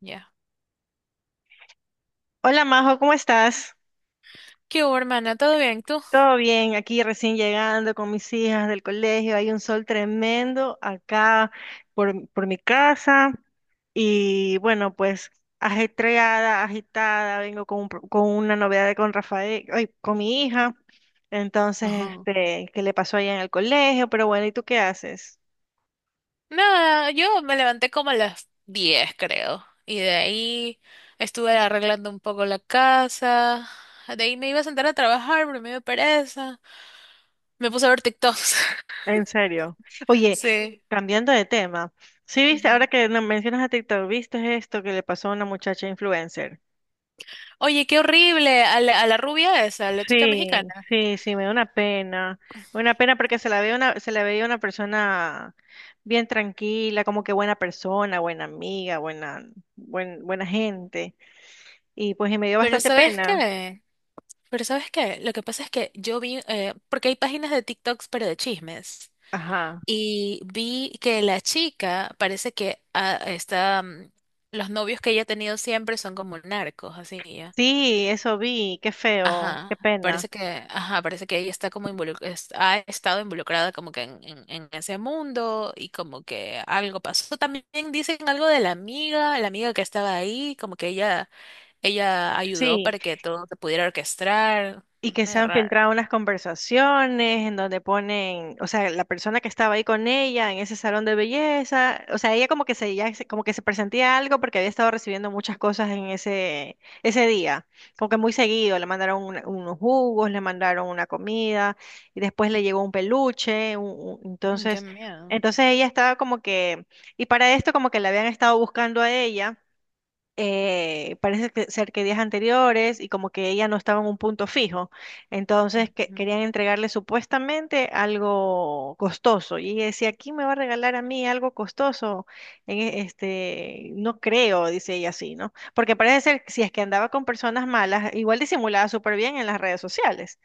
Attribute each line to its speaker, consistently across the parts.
Speaker 1: Ya.
Speaker 2: Hola Majo, ¿cómo estás?
Speaker 1: ¿Qué hubo, hermana? ¿Todo bien tú?
Speaker 2: Todo bien, aquí recién llegando con mis hijas del colegio. Hay un sol tremendo acá por mi casa y bueno, pues ajetreada, agitada, vengo con, con una novedad con Rafael, ay, con mi hija. Entonces,
Speaker 1: Ajá.
Speaker 2: ¿qué le pasó allá en el colegio? Pero bueno, ¿y tú qué haces?
Speaker 1: Nada, yo me levanté como a las 10, creo. Y de ahí estuve arreglando un poco la casa. De ahí me iba a sentar a trabajar, pero me dio pereza. Me puse a ver TikToks.
Speaker 2: En serio. Oye,
Speaker 1: Sí.
Speaker 2: cambiando de tema, ¿sí viste, ahora
Speaker 1: Ujú.
Speaker 2: que no- mencionas a TikTok, ¿viste esto que le pasó a una muchacha influencer?
Speaker 1: Oye, qué horrible. A la rubia esa, a la chica
Speaker 2: Sí,
Speaker 1: mexicana.
Speaker 2: sí, sí, me da una pena. Me da una pena porque se la veía una persona bien tranquila, como que buena persona, buena amiga, buena gente. Y pues y me dio
Speaker 1: Pero
Speaker 2: bastante
Speaker 1: ¿sabes
Speaker 2: pena.
Speaker 1: qué? Pero ¿sabes qué? Lo que pasa es que yo vi, porque hay páginas de TikToks, pero de chismes.
Speaker 2: Ajá.
Speaker 1: Y vi que la chica parece que está, los novios que ella ha tenido siempre son como narcos, así ya.
Speaker 2: Sí, eso vi, qué feo, qué
Speaker 1: Ajá,
Speaker 2: pena.
Speaker 1: parece que, ajá, parece que ella está como involucrada, ha estado involucrada como que en ese mundo y como que algo pasó. También dicen algo de la amiga que estaba ahí, como que ella ayudó
Speaker 2: Sí.
Speaker 1: para que todo se pudiera orquestar.
Speaker 2: Y que se
Speaker 1: Medio
Speaker 2: han
Speaker 1: raro.
Speaker 2: filtrado unas conversaciones en donde ponen, o sea, la persona que estaba ahí con ella en ese salón de belleza, o sea, ella como que se, ya se- como que se presentía algo porque había estado recibiendo muchas cosas en ese día, como que muy seguido, le mandaron unos jugos, le mandaron una comida y después le llegó un peluche,
Speaker 1: Mm, qué
Speaker 2: entonces,
Speaker 1: miedo.
Speaker 2: entonces ella estaba como que, y para esto como que la habían estado buscando a ella ser que días anteriores y como que ella no estaba en un punto fijo. Entonces
Speaker 1: Ujú.
Speaker 2: querían entregarle supuestamente algo costoso. Y ella decía, ¿quién me va a regalar a mí algo costoso? No creo, dice ella así, ¿no? Porque parece ser que si es que andaba con personas malas, igual disimulaba súper bien en las redes sociales.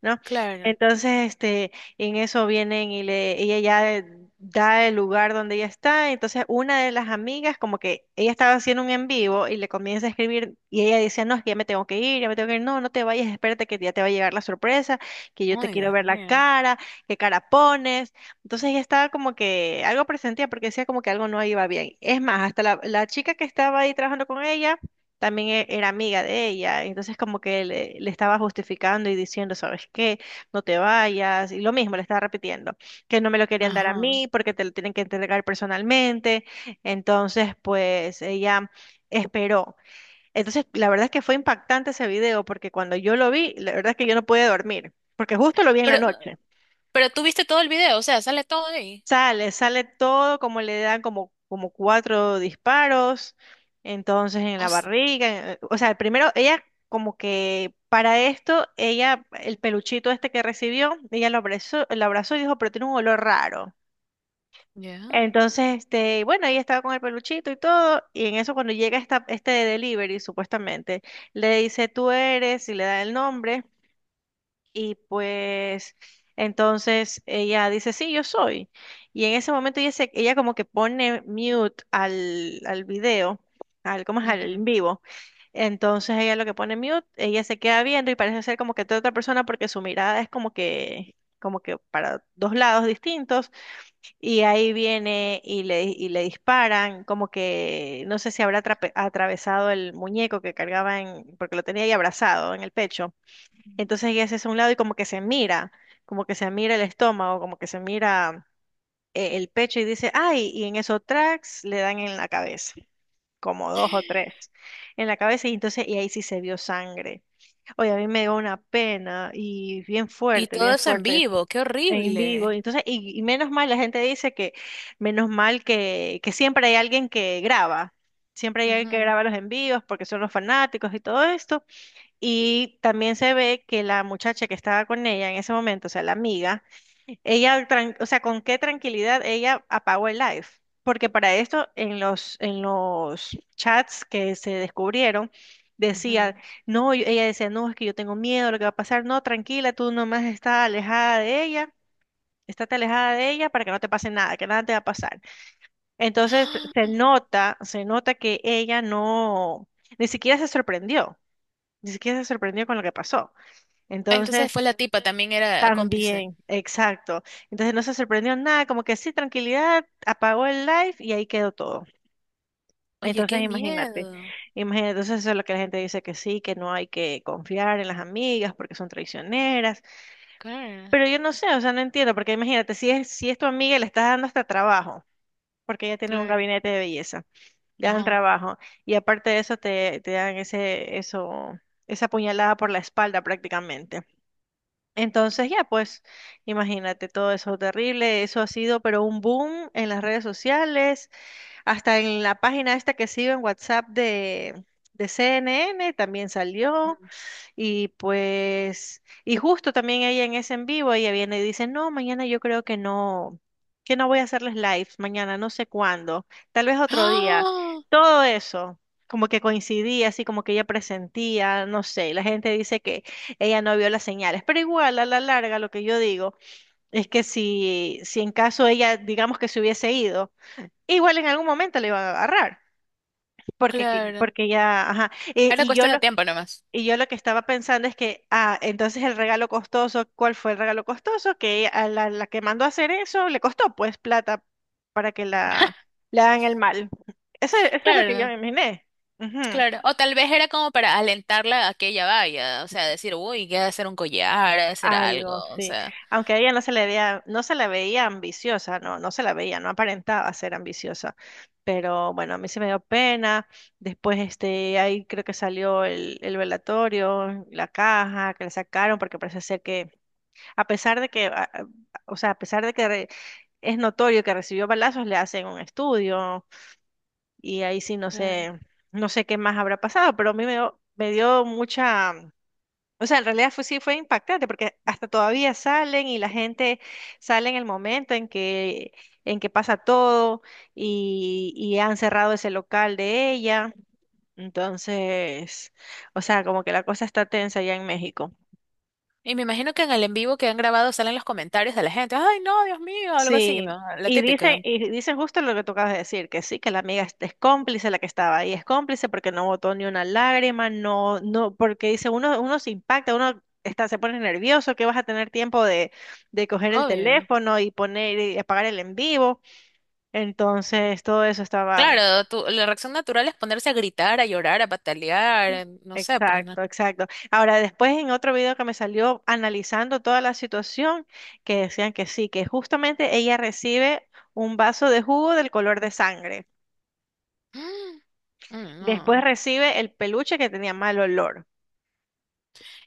Speaker 2: ¿No?
Speaker 1: Claro.
Speaker 2: Entonces, en eso vienen y le, ella ya da el lugar donde ella está. Entonces, una de las amigas, como que ella estaba haciendo un en vivo y le comienza a escribir y ella decía, no, es que ya me tengo que ir, ya me tengo que ir, no, no te vayas, espérate que ya te va a llegar la sorpresa, que yo te
Speaker 1: Ay,
Speaker 2: quiero
Speaker 1: Dios
Speaker 2: ver la
Speaker 1: mío.
Speaker 2: cara, qué cara pones. Entonces, ella estaba como que algo presentía porque decía como que algo no iba bien. Es más, hasta la chica que estaba ahí trabajando con ella también era amiga de ella, entonces como que le estaba justificando y diciendo, ¿sabes qué? No te vayas, y lo mismo le estaba repitiendo, que no me lo querían dar a
Speaker 1: Ajá.
Speaker 2: mí porque te lo tienen que entregar personalmente, entonces pues ella esperó. Entonces la verdad es que fue impactante ese video porque cuando yo lo vi, la verdad es que yo no pude dormir, porque justo lo vi en la
Speaker 1: Pero,
Speaker 2: noche.
Speaker 1: Pero tú viste todo el video, o sea, sale todo ahí.
Speaker 2: Sale todo como le dan como cuatro disparos, entonces en la
Speaker 1: O sea,
Speaker 2: barriga, o sea, primero ella como que para esto, ella, el peluchito este que recibió, lo abrazó y dijo, pero tiene un olor raro.
Speaker 1: ya.
Speaker 2: Entonces, bueno, ella estaba con el peluchito y todo, y en eso cuando llega este delivery, supuestamente, le dice, tú eres, y le da el nombre. Y pues entonces ella dice, sí, yo soy. Y en ese momento ella como que pone mute al video, al, ¿cómo es? Al
Speaker 1: Ujú.
Speaker 2: en vivo. Entonces ella lo que pone mute, ella se queda viendo y parece ser como que toda otra persona porque su mirada es como que para dos lados distintos. Y ahí viene y le disparan, como que no sé si atravesado el muñeco que cargaba en, porque lo tenía ahí abrazado en el pecho. Entonces ella se hace a un lado y como que se mira el estómago, como que se mira el pecho y dice, ay, y en esos tracks le dan en la cabeza, como dos o tres en la cabeza y entonces y ahí sí se vio sangre. Oye, a mí me dio una pena y
Speaker 1: Y todo
Speaker 2: bien
Speaker 1: eso en
Speaker 2: fuerte
Speaker 1: vivo, qué
Speaker 2: en vivo. Y
Speaker 1: horrible.
Speaker 2: entonces, y menos mal, la gente dice que menos mal que siempre hay alguien que graba, siempre hay alguien que
Speaker 1: Ujú,
Speaker 2: graba los envíos porque son los fanáticos y todo esto. Y también se ve que la muchacha que estaba con ella en ese momento, o sea, la amiga, o sea, con qué tranquilidad ella apagó el live. Porque para esto, en en los chats que se descubrieron,
Speaker 1: ujú.
Speaker 2: decía, no, ella decía, no, es que yo tengo miedo, lo que va a pasar, no, tranquila, tú nomás estás alejada de ella, estate alejada de ella para que no te pase nada, que nada te va a pasar. Entonces
Speaker 1: ¡Ah!
Speaker 2: se nota que ella no, ni siquiera se sorprendió ni siquiera se sorprendió con lo que pasó. Entonces,
Speaker 1: Entonces fue la tipa, también era cómplice.
Speaker 2: también, exacto. Entonces no se sorprendió nada, como que sí, tranquilidad, apagó el live y ahí quedó todo.
Speaker 1: Oye,
Speaker 2: Entonces,
Speaker 1: qué
Speaker 2: imagínate,
Speaker 1: miedo.
Speaker 2: imagínate, entonces eso es lo que la gente dice que sí, que no hay que confiar en las amigas porque son traicioneras.
Speaker 1: Claro,
Speaker 2: Pero yo no sé, o sea, no entiendo, porque imagínate, si es tu amiga y le estás dando hasta trabajo, porque ella tiene un
Speaker 1: claro.
Speaker 2: gabinete de belleza, le dan
Speaker 1: Ajá.
Speaker 2: trabajo, y aparte de eso te dan esa puñalada por la espalda prácticamente. Entonces ya, pues imagínate todo eso terrible, eso ha sido pero un boom en las redes sociales, hasta en la página esta que sigo en WhatsApp de CNN también salió,
Speaker 1: Ujú.
Speaker 2: y pues, y justo también ella en ese en vivo, ella viene y dice, no, mañana yo creo que no voy a hacerles lives mañana no sé cuándo, tal vez otro día.
Speaker 1: ¡Ah!
Speaker 2: Todo eso, como que coincidía, así como que ella presentía, no sé, y la gente dice que ella no vio las señales, pero igual a la larga lo que yo digo es que si en caso ella, digamos que se hubiese ido, igual en algún momento le iban a agarrar. Porque,
Speaker 1: Claro.
Speaker 2: porque ya, ajá.
Speaker 1: Era cuestión de tiempo nomás.
Speaker 2: Y yo lo que estaba pensando es que, ah, entonces el regalo costoso, ¿cuál fue el regalo costoso? Que a la que mandó a hacer eso le costó pues plata para que la le hagan el mal. Eso es lo que yo
Speaker 1: Claro,
Speaker 2: me imaginé. Ujú.
Speaker 1: claro. O tal vez era como para alentarla a que ella vaya, o sea, decir, uy, que ha de hacer un collar, ha de hacer algo,
Speaker 2: Algo,
Speaker 1: o
Speaker 2: sí.
Speaker 1: sea.
Speaker 2: Aunque a ella no se le veía, no se la veía ambiciosa, no, no se la veía, no aparentaba ser ambiciosa. Pero bueno, a mí se me dio pena. Después, ahí creo que salió el velatorio, la caja que le sacaron, porque parece ser que A pesar de que, a- o sea, a pesar de que re- es notorio que recibió balazos, le hacen un estudio y ahí sí no sé, no sé qué más habrá pasado, pero a mí me dio mucha, o sea, en realidad fue, sí fue impactante porque hasta todavía salen y la gente sale en el momento en en que pasa todo y han cerrado ese local de ella. Entonces, o sea, como que la cosa está tensa allá en México.
Speaker 1: Y me imagino que en el en vivo que han grabado salen los comentarios de la gente. Ay, no, Dios mío, algo así,
Speaker 2: Sí,
Speaker 1: ¿no? La típica.
Speaker 2: y dicen justo lo que tú acabas de decir, que sí, que la amiga es cómplice la que estaba ahí, es cómplice porque no botó ni una lágrima, no, no, porque dice, uno se impacta, se pone nervioso, que vas a tener tiempo de coger el
Speaker 1: Obvio.
Speaker 2: teléfono y poner y apagar el en vivo. Entonces, todo eso estaban.
Speaker 1: Claro, la reacción natural es ponerse a gritar, a llorar, a patalear, no sé, pues no.
Speaker 2: Exacto, exacto. Ahora, después en otro video que me salió analizando toda la situación, que decían que sí, que justamente ella recibe un vaso de jugo del color de sangre.
Speaker 1: Mm,
Speaker 2: Después
Speaker 1: no.
Speaker 2: recibe el peluche que tenía mal olor.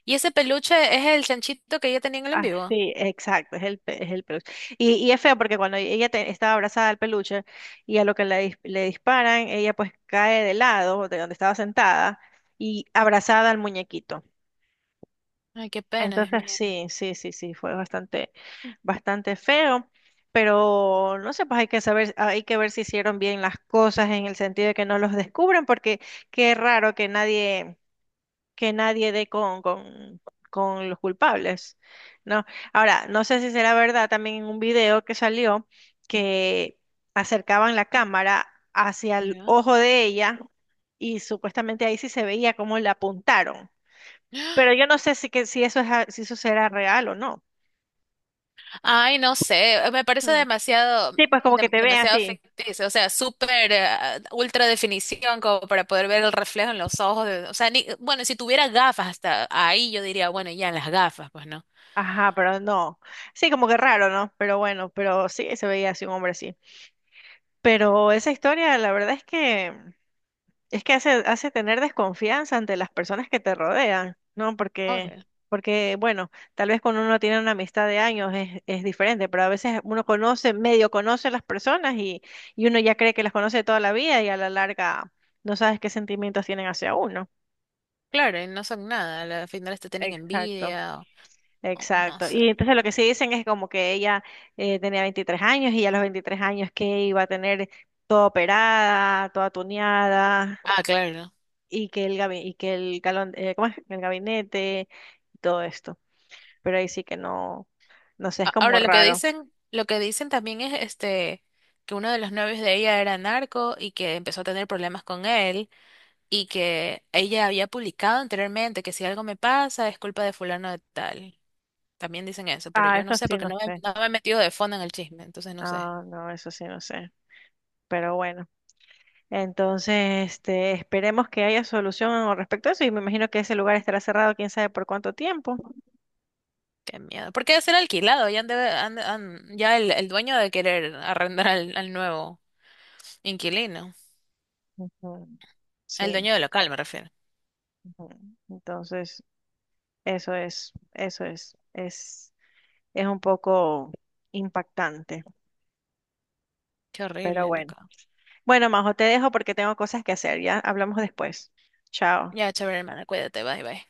Speaker 1: ¿Y ese peluche es el chanchito que ella tenía en el en vivo?
Speaker 2: Así, exacto, es el, es el peluche. Y es feo porque cuando ella estaba abrazada al peluche y a lo que le, le disparan, ella pues cae de lado de donde estaba sentada y abrazada al muñequito.
Speaker 1: Ay, qué pena, Dios
Speaker 2: Entonces
Speaker 1: mío.
Speaker 2: sí, sí, sí, sí, fue bastante, bastante feo, pero no sé, pues hay que saber, hay que ver si hicieron bien las cosas en el sentido de que no los descubran, porque qué raro que nadie dé con los culpables, ¿no? Ahora, no sé si será verdad también en un video que salió que acercaban la cámara hacia el
Speaker 1: ¿Ya?
Speaker 2: ojo de ella y supuestamente ahí sí se veía cómo le apuntaron. Pero yo no sé si eso es, si eso será real o no.
Speaker 1: Ay, no sé, me parece
Speaker 2: Mm.
Speaker 1: demasiado,
Speaker 2: Sí, pues como que te ven
Speaker 1: demasiado
Speaker 2: así.
Speaker 1: ficticio, o sea, súper ultra definición como para poder ver el reflejo en los ojos, o sea, ni, bueno, si tuviera gafas hasta ahí yo diría, bueno, ya las gafas, pues no.
Speaker 2: Ajá, pero no. Sí, como que raro, ¿no? Pero bueno, pero sí, se veía así un hombre así. Pero esa historia, la verdad es que es que hace, hace tener desconfianza ante las personas que te rodean, ¿no? Porque,
Speaker 1: Obvio.
Speaker 2: porque, bueno, tal vez cuando uno tiene una amistad de años es diferente, pero a veces uno conoce, medio conoce a las personas y uno ya cree que las conoce toda la vida y a la larga no sabes qué sentimientos tienen hacia uno.
Speaker 1: Claro, y no son nada, al final te tienen
Speaker 2: Exacto.
Speaker 1: envidia, o no
Speaker 2: Exacto.
Speaker 1: sé.
Speaker 2: Y entonces lo que sí dicen es como que ella tenía 23 años y a los 23 años que iba a tener toda operada, toda tuneada,
Speaker 1: Ah, claro.
Speaker 2: y que y que el galón, ¿cómo es? El gabinete y todo esto. Pero ahí sí que no, no sé, es como
Speaker 1: Ahora
Speaker 2: raro.
Speaker 1: lo que dicen también es este que uno de los novios de ella era narco y que empezó a tener problemas con él. Y que ella había publicado anteriormente que si algo me pasa es culpa de fulano de tal. También dicen eso, pero
Speaker 2: Ah,
Speaker 1: yo no
Speaker 2: eso
Speaker 1: sé
Speaker 2: sí
Speaker 1: porque
Speaker 2: no sé.
Speaker 1: no me he metido de fondo en el chisme, entonces no sé.
Speaker 2: Ah, no, eso sí no sé. Pero bueno. Entonces, esperemos que haya solución al respecto a eso y me imagino que ese lugar estará cerrado quién sabe por cuánto tiempo.
Speaker 1: Qué miedo. Porque debe ser alquilado, ya, han de- han- han- ya el dueño de querer arrendar al nuevo inquilino.
Speaker 2: Ujú,
Speaker 1: El
Speaker 2: Sí.
Speaker 1: dueño del local, me refiero.
Speaker 2: ujú. Entonces, eso es, eso es, es, es un poco impactante,
Speaker 1: Qué
Speaker 2: pero
Speaker 1: horrible,
Speaker 2: bueno.
Speaker 1: loco.
Speaker 2: Bueno, Majo, te dejo porque tengo cosas que hacer, ya hablamos después. Chao.
Speaker 1: Ya, chévere, hermana, cuídate, bye, bye.